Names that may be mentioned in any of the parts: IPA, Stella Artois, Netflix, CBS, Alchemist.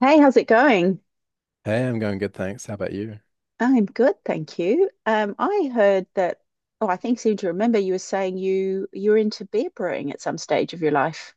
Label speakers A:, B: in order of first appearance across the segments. A: Hey, how's it going?
B: Hey, I'm going good, thanks. How about you?
A: I'm good, thank you. I heard that, oh, I think seem to remember you were saying you were into beer brewing at some stage of your life.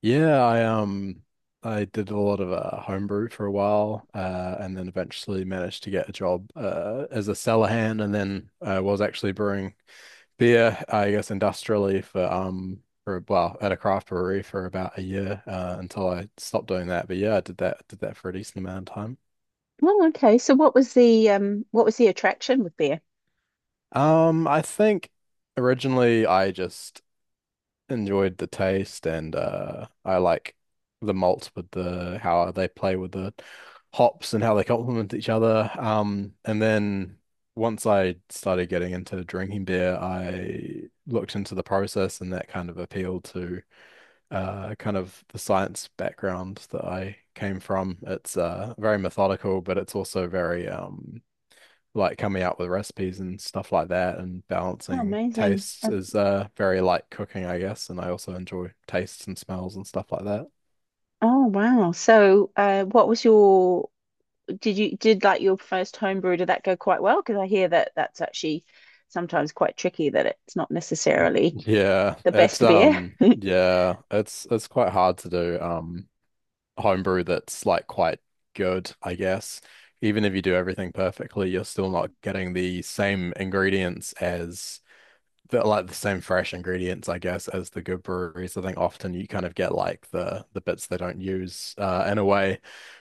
B: Yeah, I did a lot of homebrew for a while, and then eventually managed to get a job as a cellar hand, and then I was actually brewing beer, I guess industrially for at a craft brewery for about a year until I stopped doing that. But yeah, I did that for a decent amount of time.
A: Oh, okay. So what was the what was the attraction with beer?
B: I think originally I just enjoyed the taste and I like the malts with the how they play with the hops and how they complement each other. And then once I started getting into drinking beer, I looked into the process, and that kind of appealed to kind of the science background that I came from. It's very methodical, but it's also very like coming up with recipes and stuff like that, and
A: Oh,
B: balancing
A: amazing.
B: tastes is very like cooking, I guess, and I also enjoy tastes and smells and stuff like that.
A: Oh, wow. So, what was your did you did like your first home brew? Did that go quite well? Because I hear that that's actually sometimes quite tricky, that it's not necessarily
B: Yeah,
A: the
B: it's
A: best beer.
B: um yeah, it's it's quite hard to do homebrew that's like quite good, I guess. Even if you do everything perfectly, you're still not getting the same ingredients as the like the same fresh ingredients, I guess, as the good breweries. I think often you kind of get like the bits they don't use, in a way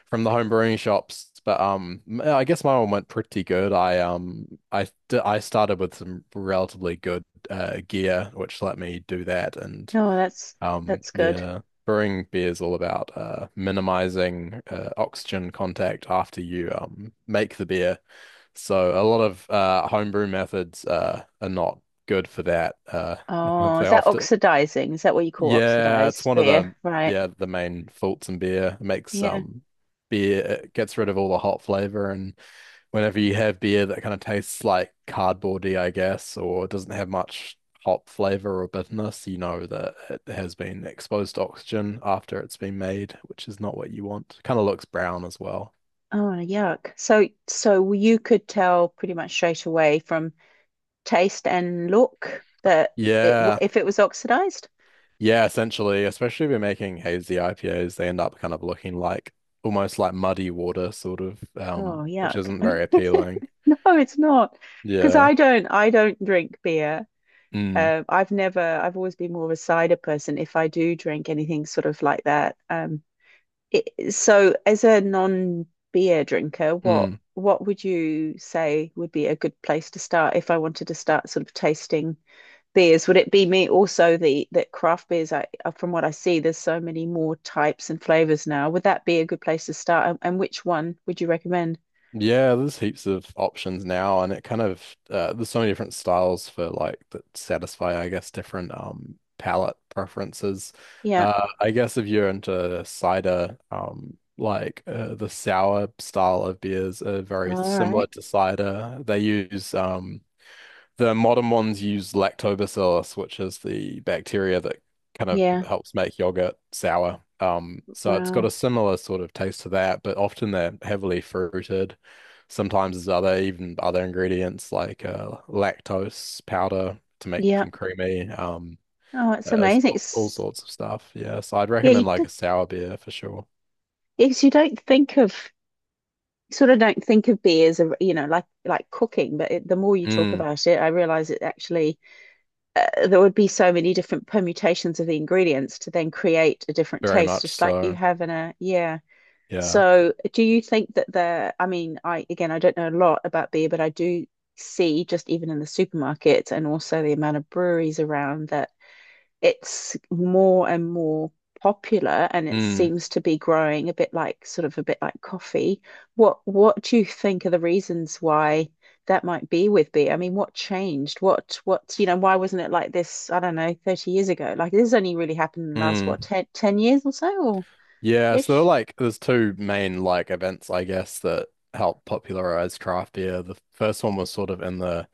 B: from the home brewing shops. But I guess my one went pretty good. I started with some relatively good gear, which let me do that. And
A: Oh, that's
B: um,
A: that's good.
B: yeah, brewing beer is all about minimizing oxygen contact after you make the beer. So a lot of homebrew methods are not good for that.
A: Oh,
B: They
A: is that
B: often,
A: oxidizing? Is that what you call
B: yeah, it's
A: oxidized
B: one of
A: beer?
B: the
A: Right.
B: yeah the main faults in beer. It makes
A: Yeah.
B: beer it gets rid of all the hot flavor, and whenever you have beer that kind of tastes like cardboardy, I guess, or doesn't have much hop flavor or bitterness, you know that it has been exposed to oxygen after it's been made, which is not what you want. Kind of looks brown as well.
A: Oh, yuck. So, so you could tell pretty much straight away from taste and look that
B: Yeah.
A: if it was oxidized.
B: Yeah, essentially, especially if you're making hazy IPAs, they end up kind of looking like almost like muddy water, sort of,
A: Oh,
B: which
A: yuck.
B: isn't very appealing.
A: No, it's not. Because
B: Yeah.
A: I don't drink beer.
B: Mm.
A: I've never, I've always been more of a cider person. If I do drink anything sort of like that. It, so as a non-beer drinker, what
B: Mm.
A: what would you say would be a good place to start if I wanted to start sort of tasting beers? Would it be me also the that craft beers I from what I see, there's so many more types and flavors now. Would that be a good place to start? And which one would you recommend?
B: Yeah, there's heaps of options now, and it kind of there's so many different styles for like that satisfy, I guess, different palate preferences.
A: Yeah.
B: I guess if you're into cider, like the sour style of beers are very
A: All
B: similar
A: right.
B: to cider. They use the modern ones use lactobacillus, which is the bacteria that kind of
A: Yeah.
B: helps make yogurt sour. So it's got
A: Wow.
B: a similar sort of taste to that, but often they're heavily fruited. Sometimes there's other, even other ingredients like lactose powder to make
A: Yeah.
B: them creamy.
A: Oh, it's
B: There's
A: amazing.
B: all
A: It's,
B: sorts of stuff. Yeah, so I'd
A: yeah, you
B: recommend like
A: did,
B: a sour beer for sure.
A: yes, you don't think of sort of don't think of beer as a, you know, like cooking but it, the more you talk
B: Mm,
A: about it I realize it actually there would be so many different permutations of the ingredients to then create a different
B: very
A: taste
B: much
A: just like you
B: so.
A: have in a yeah
B: Yeah.
A: so do you think that the I mean I again I don't know a lot about beer but I do see just even in the supermarket and also the amount of breweries around that it's more and more popular and it
B: Mm,
A: seems to be growing a bit like sort of a bit like coffee. What do you think are the reasons why that might be with beer? I mean, what changed? What you know, why wasn't it like this, I don't know, 30 years ago? Like this has only really happened in the last what
B: mm.
A: ten years or so or
B: Yeah, so there are
A: ish?
B: like there's two main like events, I guess, that helped popularize craft beer. The first one was sort of in the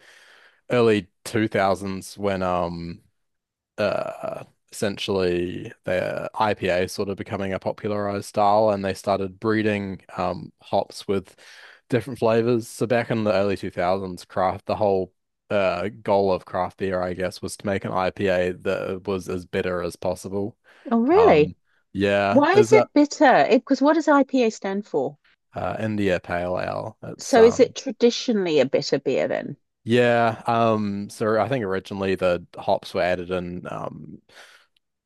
B: early 2000s when uh essentially the IPA sort of becoming a popularized style and they started breeding hops with different flavors. So back in the early 2000s, craft the whole goal of craft beer, I guess, was to make an IPA that was as bitter as possible.
A: Oh, really?
B: Um yeah,
A: Why
B: is
A: is
B: that
A: it bitter? Because what does IPA stand for?
B: India Pale Ale. It's
A: So is it traditionally a bitter beer then?
B: yeah So I think originally the hops were added in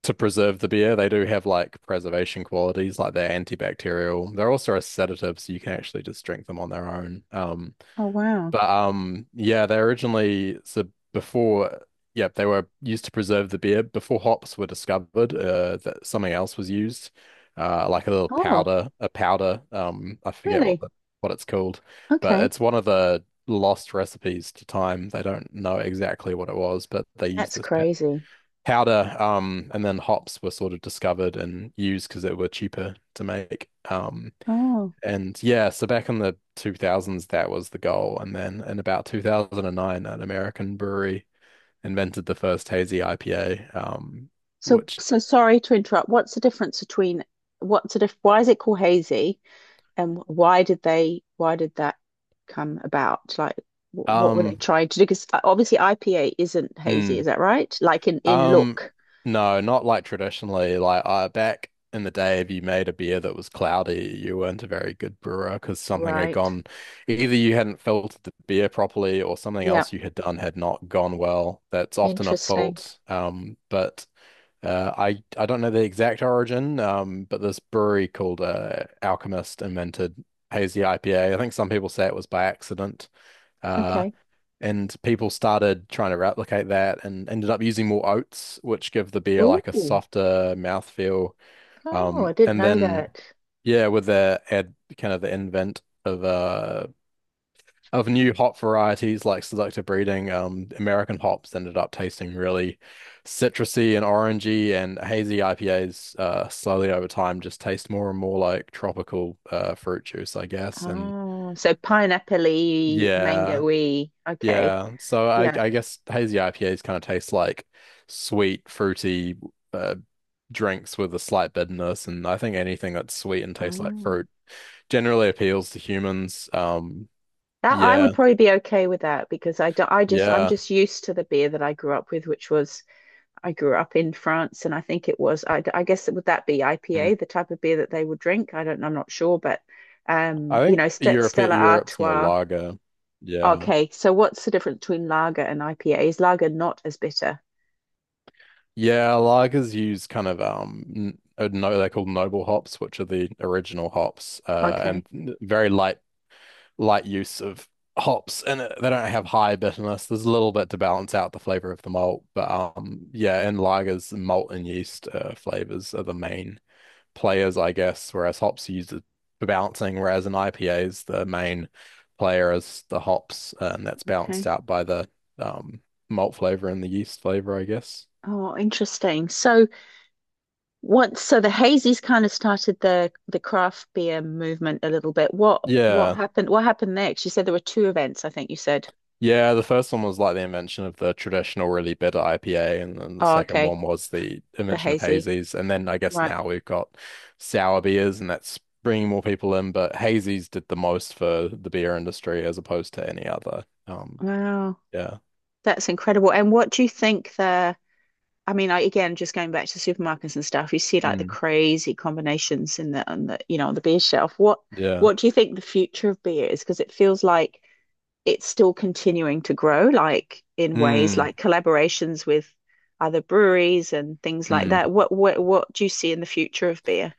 B: to preserve the beer. They do have like preservation qualities, like they're antibacterial. They're also a sedative, so you can actually just drink them on their own.
A: Oh, wow.
B: But Yeah, they originally so before, yeah, they were used to preserve the beer. Before hops were discovered, that something else was used, like a little
A: Oh,
B: powder, a powder. I forget what
A: really?
B: the, what it's called, but
A: Okay.
B: it's one of the lost recipes to time. They don't know exactly what it was, but they used
A: That's
B: this
A: crazy.
B: powder. And then hops were sort of discovered and used because they were cheaper to make.
A: Oh,
B: And yeah, so back in the 2000s, that was the goal. And then in about 2009, an American brewery invented the first hazy IPA,
A: so
B: which,
A: so sorry to interrupt. What's the difference between what's the diff why is it called hazy and why did they why did that come about? Like what were they
B: um,
A: trying to do? Because obviously IPA isn't hazy,
B: mm,
A: is that right? Like in
B: um,
A: look.
B: no, not like traditionally. Like, back in the day, if you made a beer that was cloudy, you weren't a very good brewer because something had
A: Right.
B: gone, either you hadn't filtered the beer properly or something
A: Yeah,
B: else you had done had not gone well. That's often a
A: interesting.
B: fault. But I don't know the exact origin, but this brewery called Alchemist invented hazy IPA. I think some people say it was by accident, uh,
A: Okay.
B: and people started trying to replicate that and ended up using more oats, which give the beer like a
A: Oh,
B: softer mouthfeel.
A: oh,
B: Um,
A: I didn't
B: and
A: know
B: then,
A: that.
B: yeah, with the ad kind of the invent of new hop varieties like selective breeding, American hops ended up tasting really citrusy and orangey, and hazy IPAs slowly over time just taste more and more like tropical fruit juice, I guess. And
A: Oh, so pineapple-y,
B: yeah,
A: mango-y. Okay.
B: yeah. So I,
A: Yeah.
B: I guess hazy IPAs kind of taste like sweet, fruity uh, drinks with a slight bitterness, and I think anything that's sweet and tastes like
A: Oh.
B: fruit generally appeals to humans.
A: That I
B: Yeah,
A: would probably be okay with that because I just I'm
B: yeah.
A: just used to the beer that I grew up with, which was I grew up in France, and I think it was I guess would that be IPA,
B: Mm.
A: the type of beer that they would drink? I don't I'm not sure, but
B: I
A: you
B: think
A: know, St
B: Europe
A: Stella
B: Europe's more
A: Artois.
B: lager. Yeah.
A: Okay, so what's the difference between lager and IPA? Is lager not as bitter?
B: Yeah, lagers use kind of no they're called noble hops, which are the original hops,
A: Okay,
B: and very light light use of hops and they don't have high bitterness. There's a little bit to balance out the flavor of the malt, but yeah, in lagers, malt and yeast flavors are the main players, I guess, whereas hops are used for balancing, whereas in IPAs, the main player is the hops, and that's
A: okay.
B: balanced out by the um, malt flavor and the yeast flavor, I guess.
A: Oh, interesting. So once, so the hazies kind of started the craft beer movement a little bit. What
B: Yeah.
A: happened? What happened next? You said there were two events, I think you said.
B: Yeah, the first one was like the invention of the traditional really bitter IPA, and then the
A: Oh,
B: second
A: okay.
B: one was the
A: The
B: invention of
A: hazy.
B: hazies. And then I guess
A: Right.
B: now we've got sour beers, and that's bringing more people in. But hazies did the most for the beer industry as opposed to any other.
A: Wow.
B: Yeah.
A: That's incredible. And what do you think the I mean I again just going back to supermarkets and stuff, you see like the
B: Mm.
A: crazy combinations in the on the, you know, on the beer shelf.
B: Yeah.
A: What do you think the future of beer is? Because it feels like it's still continuing to grow, like in ways
B: Mm.
A: like collaborations with other breweries and things like
B: Mm.
A: that. What do you see in the future of beer?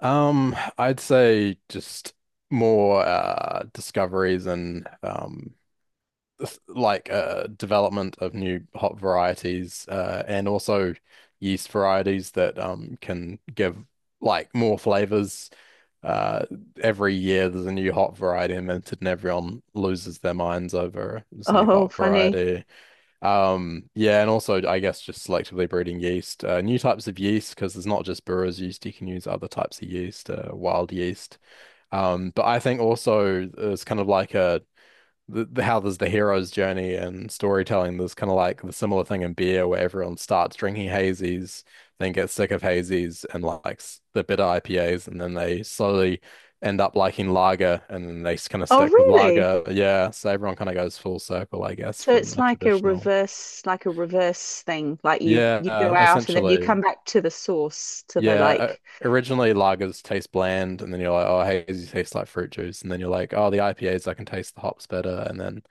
B: I'd say just more discoveries and like development of new hop varieties and also yeast varieties that can give like more flavors. Uh every year there's a new hop variety invented and everyone loses their minds over this new
A: Oh,
B: hop
A: funny.
B: variety. Yeah, and also I guess just selectively breeding yeast, new types of yeast, because there's not just brewer's yeast, you can use other types of yeast, wild yeast. But I think also it's kind of like a the how there's the hero's journey and storytelling. There's kind of like the similar thing in beer where everyone starts drinking hazies, then gets sick of hazies and likes the bitter IPAs, and then they slowly end up liking lager, and then they kind of
A: Oh,
B: stick with
A: really?
B: lager. Yeah, so everyone kind of goes full circle, I guess,
A: So
B: from
A: it's
B: the traditional.
A: like a reverse thing. Like you go
B: Yeah,
A: out and then you
B: essentially.
A: come back to the source, to the
B: Yeah. o-
A: like,
B: Originally, lagers taste bland, and then you're like, oh, hazy tastes like fruit juice. And then you're like, oh, the IPAs, I can taste the hops better. And then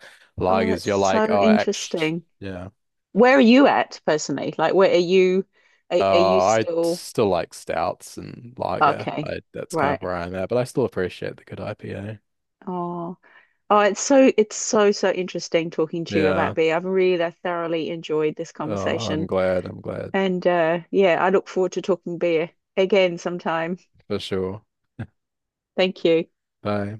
A: oh,
B: lagers,
A: that's
B: you're like,
A: so
B: oh, actually,
A: interesting.
B: yeah.
A: Where are you at personally? Like, where are you? Are you
B: Oh, I
A: still
B: still like stouts and lager.
A: okay?
B: I, that's kind of
A: Right.
B: where I'm at, but I still appreciate the good IPA.
A: Oh. Oh, it's so so interesting talking to you about
B: Yeah.
A: beer. I've really thoroughly enjoyed this
B: Oh, I'm
A: conversation.
B: glad.
A: And yeah, I look forward to talking beer again sometime.
B: For sure.
A: Thank you.
B: Bye.